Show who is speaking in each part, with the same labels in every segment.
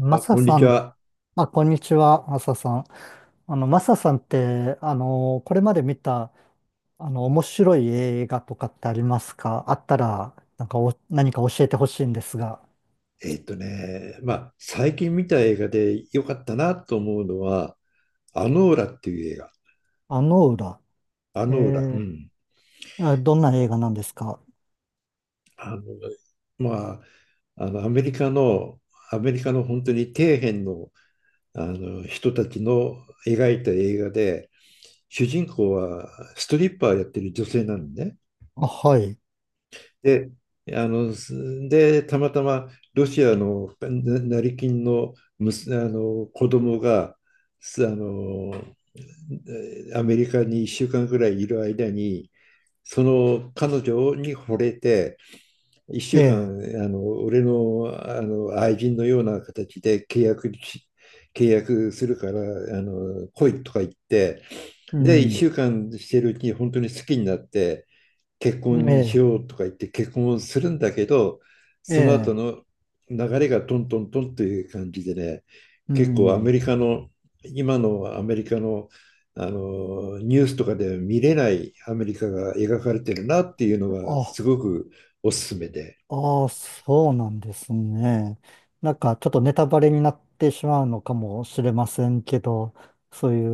Speaker 1: マ
Speaker 2: あ、
Speaker 1: サ
Speaker 2: こんに
Speaker 1: さ
Speaker 2: ち
Speaker 1: ん、
Speaker 2: は。
Speaker 1: あ、こんにちは、マサさん。マサさんって、これまで見た、面白い映画とかってありますか？あったら、なんかお、何か教えてほしいんですが。
Speaker 2: まあ、最近見た映画で良かったなと思うのは、アノーラっていう映画。
Speaker 1: あの裏。
Speaker 2: ア
Speaker 1: え
Speaker 2: ノーラ。う
Speaker 1: ー、
Speaker 2: ん。
Speaker 1: あ、どんな映画なんですか？
Speaker 2: あの、まあ、あの、アメリカの、アメリカの本当に底辺の、あの人たちの描いた映画で、主人公はストリッパーやってる女性なんでね。
Speaker 1: あ、はい。
Speaker 2: で、あの、すで、たまたまロシアのな成金の、あの子供が、すあのアメリカに1週間ぐらいいる間に、その彼女に惚れて、1
Speaker 1: え
Speaker 2: 週
Speaker 1: え、
Speaker 2: 間、俺の、愛人のような形で契約するから、来いとか言って、
Speaker 1: う
Speaker 2: で、
Speaker 1: ん。
Speaker 2: 1週間してるうちに本当に好きになって、結
Speaker 1: え
Speaker 2: 婚し
Speaker 1: え、
Speaker 2: ようとか言って結婚するんだけど、
Speaker 1: え
Speaker 2: その後
Speaker 1: え、
Speaker 2: の流れがトントントンという感じでね、
Speaker 1: う
Speaker 2: 結構アメ
Speaker 1: ん。
Speaker 2: リカの、今のアメリカの、ニュースとかでは見れないアメリカが描かれてるなっていうのが
Speaker 1: あ、
Speaker 2: すごくおすすめで、
Speaker 1: ああ、そうなんですね。なんかちょっとネタバレになってしまうのかもしれませんけど、そうい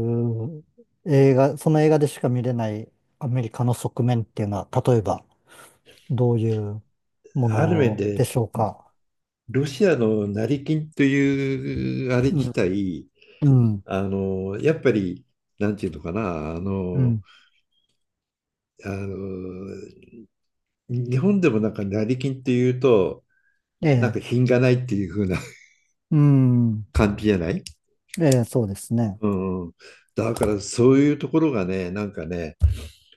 Speaker 1: う映画、その映画でしか見れないアメリカの側面っていうのは、例えばどういうも
Speaker 2: ある面
Speaker 1: ので
Speaker 2: で
Speaker 1: しょうか。
Speaker 2: ロシアの成金というあれ
Speaker 1: う
Speaker 2: 自
Speaker 1: ん、
Speaker 2: 体、
Speaker 1: うん、
Speaker 2: やっぱり、なんていうのかな、
Speaker 1: うん。
Speaker 2: あの日本でもなんか成金っていうと、
Speaker 1: え
Speaker 2: なんか
Speaker 1: え、
Speaker 2: 品がないっていう風な
Speaker 1: うん、
Speaker 2: 感じじゃない？
Speaker 1: ええ、そうですね。
Speaker 2: うんうん。だからそういうところがね、なんかね、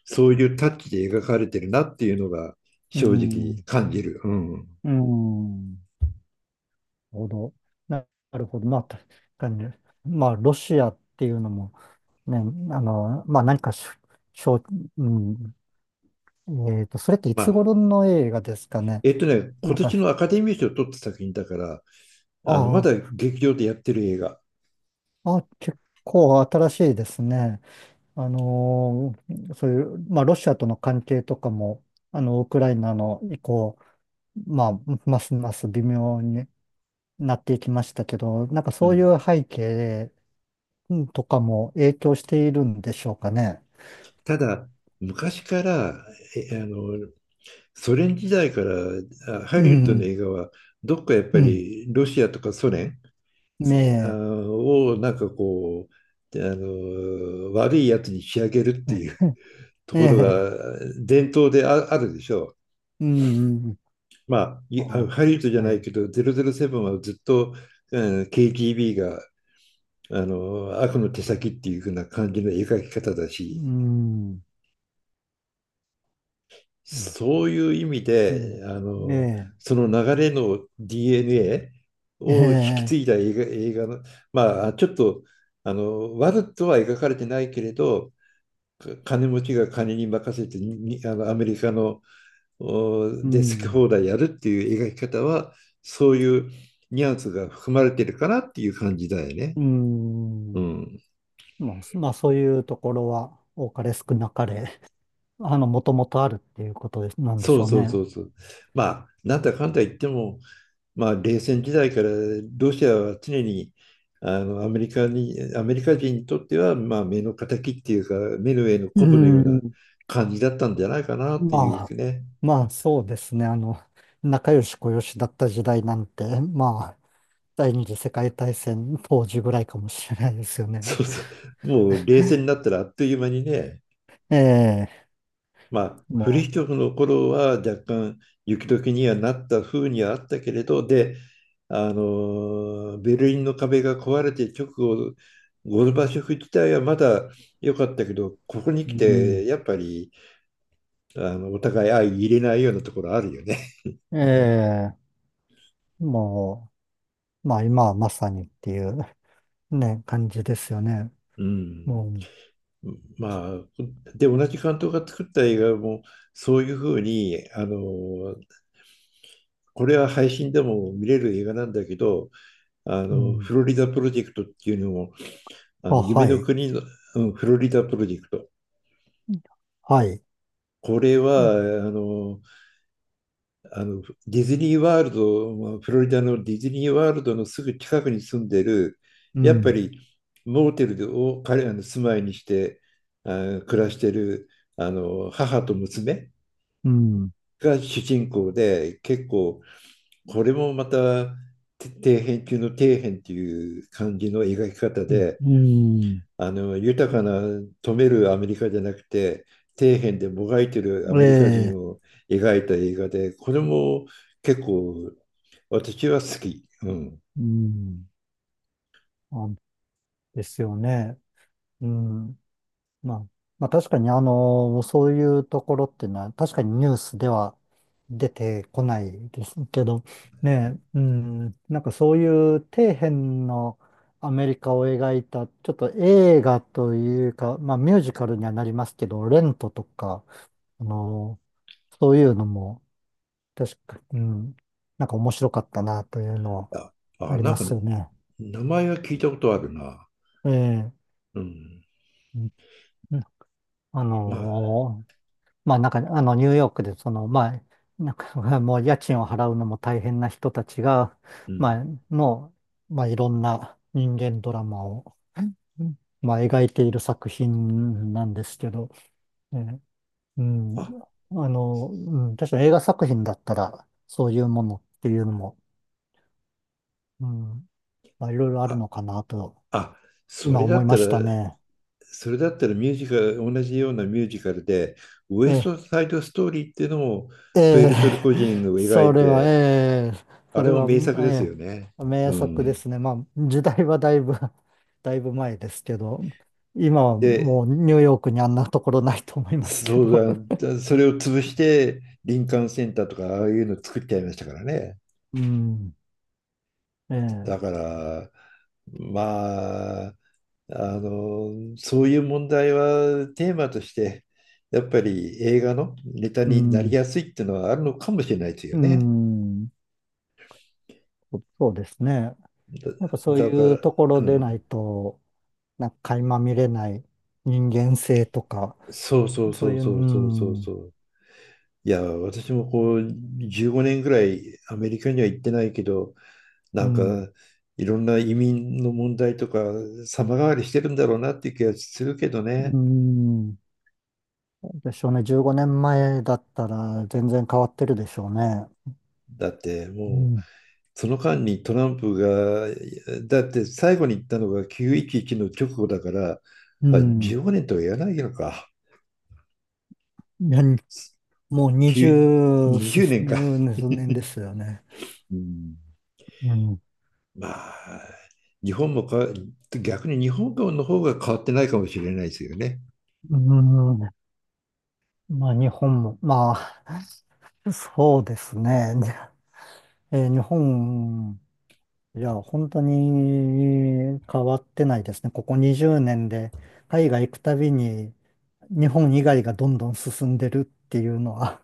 Speaker 2: そういうタッチで描かれてるなっていうのが
Speaker 1: う
Speaker 2: 正直
Speaker 1: ん、
Speaker 2: 感じる。うん。
Speaker 1: うん、なるほど。な、なるほど。まあ、確かに。まあ、ロシアっていうのも、ね、まあ、何かしょ、しょう、うん、それってい
Speaker 2: ま
Speaker 1: つ
Speaker 2: あ、
Speaker 1: 頃の映画ですかね。な
Speaker 2: 今
Speaker 1: んか、
Speaker 2: 年のアカデミー賞を取った作品だから、まだ
Speaker 1: あ
Speaker 2: 劇場でやってる映画。
Speaker 1: あ、あ、結構新しいですね。そういう、まあ、ロシアとの関係とかも、あの、ウクライナの以降、まあ、ますます微妙になっていきましたけど、なんか
Speaker 2: う
Speaker 1: そうい
Speaker 2: ん。
Speaker 1: う背景うんとかも影響しているんでしょうかね。
Speaker 2: ただ、昔から、えあの、ソ連時代からハ
Speaker 1: う
Speaker 2: リウッドの
Speaker 1: ん、
Speaker 2: 映画は、どっかやっ
Speaker 1: う
Speaker 2: ぱ
Speaker 1: ん、
Speaker 2: りロシアとかソ連、
Speaker 1: ね
Speaker 2: なんかこう、悪いやつに仕上げるって
Speaker 1: え、
Speaker 2: いう と
Speaker 1: え
Speaker 2: ころ
Speaker 1: え、
Speaker 2: が伝統であるでしょう。
Speaker 1: うん。
Speaker 2: まあ、
Speaker 1: ああ、
Speaker 2: ハリウッドじゃ
Speaker 1: は
Speaker 2: ない
Speaker 1: い。
Speaker 2: けど、007はずっと、うん、KGB が悪の手先っていう風な感じの描き方だ
Speaker 1: う
Speaker 2: し、
Speaker 1: ん。うん。
Speaker 2: そういう意味
Speaker 1: う
Speaker 2: で、
Speaker 1: んえ
Speaker 2: その流れの DNA
Speaker 1: え。え
Speaker 2: を引き継い
Speaker 1: え。
Speaker 2: だ映画の、まあ、ちょっと悪とは描かれてないけれど、金持ちが金に任せてにあのアメリカの
Speaker 1: う
Speaker 2: で好き
Speaker 1: ん。
Speaker 2: 放題やるっていう描き方はそういうニュアンスが含まれてるかなっていう感じだよね。
Speaker 1: う
Speaker 2: う
Speaker 1: ん。
Speaker 2: ん。
Speaker 1: まあ、まあ、そういうところは、多かれ少なかれ、あの、もともとあるっていうことです、なんでし
Speaker 2: そう
Speaker 1: ょう
Speaker 2: そうそ
Speaker 1: ね。
Speaker 2: うそう。まあなんだかんだ言っても、まあ、冷戦時代からロシアは常にアメリカ人にとっては、まあ、目の敵っていうか目の上の
Speaker 1: う
Speaker 2: コブのような
Speaker 1: ん。
Speaker 2: 感じだったんじゃないかなってい
Speaker 1: ま
Speaker 2: う
Speaker 1: あ、
Speaker 2: ね。
Speaker 1: まあ、そうですね。あの、仲良しこよしだった時代なんて、まあ、第二次世界大戦当時ぐらいかもしれないですよね。
Speaker 2: そうそう。もう冷戦になったらあっという間にね。
Speaker 1: ええ。
Speaker 2: まあ、フリ
Speaker 1: も
Speaker 2: ヒチョフの頃は若干雪解けにはなった風にはあったけれど、で、ベルリンの壁が壊れて直後、ゴルバチョフ自体はまだ良かったけど、ここに
Speaker 1: う、
Speaker 2: 来
Speaker 1: う
Speaker 2: て、
Speaker 1: ん。
Speaker 2: やっぱり、お互い相入れないようなところあるよね。
Speaker 1: ええ。もう、まあ今はまさにっていう ね、感じですよね。
Speaker 2: うん。
Speaker 1: もう、
Speaker 2: まあ、で、同じ監督が作った映画も、そういうふうに、これは配信でも見れる映画なんだけど、
Speaker 1: うん。
Speaker 2: フロリダプロジェクトっていうのも、あ
Speaker 1: あ、
Speaker 2: の夢
Speaker 1: は
Speaker 2: の
Speaker 1: い、
Speaker 2: 国の、うん、フロリダプロジェクト。
Speaker 1: はい。
Speaker 2: これはあのディズニーワールド、まあフロリダのディズニーワールドのすぐ近くに住んでる、
Speaker 1: う
Speaker 2: やっぱ
Speaker 1: ん、
Speaker 2: りモーテルを彼らの住まいにして暮らしてる母と娘
Speaker 1: うん、
Speaker 2: が主人公で、結構これもまた底辺中の底辺っていう感じの描き方
Speaker 1: うん、
Speaker 2: で、
Speaker 1: うん
Speaker 2: 豊かな富めるアメリカじゃなくて底辺でもがいてるア
Speaker 1: え
Speaker 2: メリカ人
Speaker 1: え、
Speaker 2: を描いた映画でこれも結構私は好き。うん。
Speaker 1: うん。あ、ですよね。うん。まあ、まあ確かにあの、そういうところっていうのは確かにニュースでは出てこないですけど、ねえ、うん、なんかそういう底辺のアメリカを描いた、ちょっと映画というか、まあミュージカルにはなりますけど、レントとか、あの、そういうのも確か、うん、なんか面白かったなというのは
Speaker 2: あ、
Speaker 1: あり
Speaker 2: な
Speaker 1: ま
Speaker 2: んか
Speaker 1: すよね。
Speaker 2: 名前は聞いたことあるな。
Speaker 1: ええ、
Speaker 2: うん、
Speaker 1: うん。あ
Speaker 2: まあ、
Speaker 1: の、まあなんか、あの、ニューヨークで、その、まあ、なんか、もう家賃を払うのも大変な人たちが、
Speaker 2: うん、
Speaker 1: まあ、の、まあいろんな人間ドラマを、まあ描いている作品なんですけど、ね。うん、
Speaker 2: あ、
Speaker 1: あの、うん、確かに映画作品だったら、そういうものっていうのも、うん、まあいろいろある
Speaker 2: あ、
Speaker 1: のかなと、
Speaker 2: あ、そ
Speaker 1: 今
Speaker 2: れだ
Speaker 1: 思い
Speaker 2: っ
Speaker 1: ま
Speaker 2: た
Speaker 1: した
Speaker 2: ら
Speaker 1: ね。
Speaker 2: それだったらミュージカル同じようなミュージカルでウエス
Speaker 1: ええ、
Speaker 2: トサイドストーリーっていうのも
Speaker 1: え
Speaker 2: プエ
Speaker 1: え、
Speaker 2: ルトリコ人を描
Speaker 1: そ
Speaker 2: い
Speaker 1: れは、
Speaker 2: て
Speaker 1: ええ、そ
Speaker 2: あ
Speaker 1: れ
Speaker 2: れも
Speaker 1: は、
Speaker 2: 名作です
Speaker 1: え
Speaker 2: よね。
Speaker 1: え、名
Speaker 2: う
Speaker 1: 作で
Speaker 2: ん。
Speaker 1: すね。まあ、時代はだいぶ、だいぶ前ですけど、今は
Speaker 2: で、
Speaker 1: もうニューヨークにあんなところないと思いますけ
Speaker 2: そ
Speaker 1: ど。
Speaker 2: うだ、それを潰して林間センターとかああいうの作っちゃいましたからね。
Speaker 1: うん、ええ、
Speaker 2: だから、まあ、そういう問題はテーマとして、やっぱり映画のネタ
Speaker 1: う
Speaker 2: になり
Speaker 1: ん、
Speaker 2: やすいっていうのはあるのかもしれないですよ
Speaker 1: う
Speaker 2: ね。
Speaker 1: ん、そ、そうですね。やっぱそう
Speaker 2: だ、だか
Speaker 1: いう
Speaker 2: ら、
Speaker 1: とこ
Speaker 2: う
Speaker 1: ろで
Speaker 2: ん。
Speaker 1: ないと、なんか垣間見れない人間性とか、
Speaker 2: そうそう
Speaker 1: そ
Speaker 2: そ
Speaker 1: う
Speaker 2: う
Speaker 1: いう、う
Speaker 2: そうそうそうそ
Speaker 1: ん、
Speaker 2: う。いや、私もこう15年ぐらいアメリカには行ってないけど、な
Speaker 1: う
Speaker 2: ん
Speaker 1: ん、
Speaker 2: かいろんな移民の問題とか様変わりしてるんだろうなっていう気がするけど
Speaker 1: う
Speaker 2: ね。
Speaker 1: ん、でしょうね。15年前だったら全然変わってるでしょうね。
Speaker 2: だって
Speaker 1: う
Speaker 2: もう
Speaker 1: ん。
Speaker 2: その間にトランプが、だって最後に言ったのが911の直後だから、
Speaker 1: う
Speaker 2: まあ
Speaker 1: ん。
Speaker 2: 15年とは言わないのか。
Speaker 1: いや、もう
Speaker 2: にじゅ
Speaker 1: 20数
Speaker 2: 20年か、
Speaker 1: 年で すよね。
Speaker 2: うん。
Speaker 1: うん。
Speaker 2: まあ、日本もか、逆に日本の方が変わってないかもしれないですよね。
Speaker 1: うん。まあ日本も、まあ、そうですね。日本、いや、本当に変わってないですね。ここ20年で海外行くたびに日本以外がどんどん進んでるっていうのは、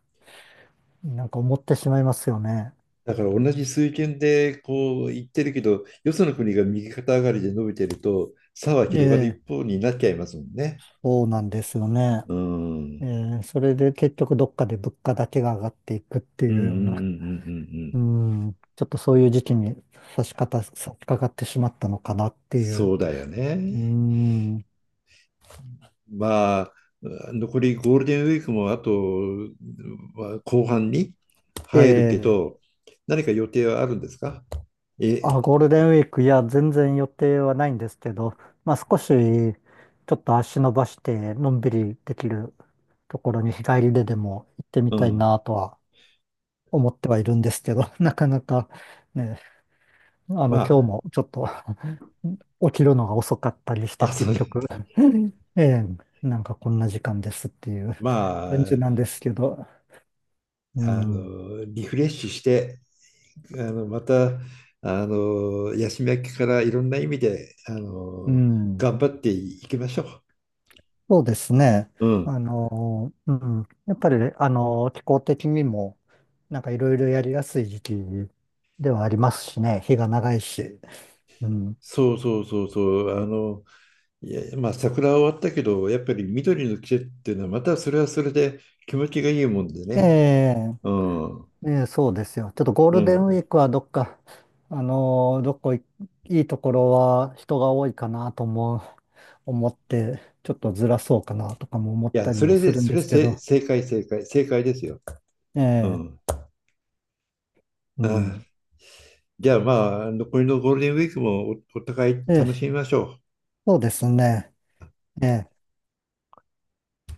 Speaker 1: なんか思ってしまいますよね。
Speaker 2: だから同じ水拳でこう言ってるけど、よその国が右肩上がりで伸びてると、差は広がる
Speaker 1: ええ、
Speaker 2: 一方になっちゃいますもんね。
Speaker 1: そうなんですよね。
Speaker 2: うん。うん
Speaker 1: それで結局どっかで物価だけが上がっていくって
Speaker 2: うんう
Speaker 1: い
Speaker 2: んう
Speaker 1: う
Speaker 2: ん
Speaker 1: よ
Speaker 2: うん
Speaker 1: うな、
Speaker 2: う
Speaker 1: う
Speaker 2: ん。
Speaker 1: ん、ちょっとそういう時期に差し掛かってしまったのかなっていう。
Speaker 2: そうだよ
Speaker 1: う
Speaker 2: ね。
Speaker 1: ん、
Speaker 2: まあ、残りゴールデンウィークもあと、まあ後半に入るけ
Speaker 1: で、
Speaker 2: ど、何か予定はあるんですか？え、
Speaker 1: あ、ゴールデンウィーク、いや、全然予定はないんですけど、まあ少しちょっと足伸ばしてのんびりできるところに日帰りででも行ってみ
Speaker 2: う
Speaker 1: たい
Speaker 2: ん。
Speaker 1: なとは思ってはいるんですけど、なかなかね、あの、
Speaker 2: ま
Speaker 1: 今日もちょっと起きるのが遅かったりし
Speaker 2: あ、
Speaker 1: て、
Speaker 2: あ、そ
Speaker 1: 結
Speaker 2: う、
Speaker 1: 局、うんええ、なんかこんな時間ですっていう
Speaker 2: ま
Speaker 1: 感じなん
Speaker 2: あ、
Speaker 1: ですけど、うん、
Speaker 2: リフレッシュして、またヤシメからいろんな意味で
Speaker 1: うん、
Speaker 2: 頑張っていきましょ
Speaker 1: そうですね。
Speaker 2: う。うん。
Speaker 1: あの、うん、やっぱり、あの、気候的にも、なんかいろいろやりやすい時期ではありますしね、日が長いし、うん、
Speaker 2: そうそうそうそう。いやまあ桜は終わったけどやっぱり緑の季節っていうのはまたそれはそれで気持ちがいいもんで
Speaker 1: え
Speaker 2: ね。
Speaker 1: え、
Speaker 2: うん。
Speaker 1: ええ、そうですよ。ちょっとゴー
Speaker 2: う
Speaker 1: ルデンウィ
Speaker 2: ん。
Speaker 1: ークはどっか、どこい、いいところは人が多いかなと思う、思って、ちょっとずらそうかなとかも思っ
Speaker 2: いや、
Speaker 1: たり
Speaker 2: そ
Speaker 1: も
Speaker 2: れ
Speaker 1: す
Speaker 2: で
Speaker 1: るん
Speaker 2: そ
Speaker 1: で
Speaker 2: れ
Speaker 1: すけ
Speaker 2: せ
Speaker 1: ど、
Speaker 2: 正解正解正解ですよ。
Speaker 1: え
Speaker 2: う
Speaker 1: え、
Speaker 2: ん。
Speaker 1: うん。
Speaker 2: ああ、じゃあまあ残りのゴールデンウィークもお互い
Speaker 1: え
Speaker 2: 楽し
Speaker 1: え、
Speaker 2: みましょう。
Speaker 1: そうですね。ええ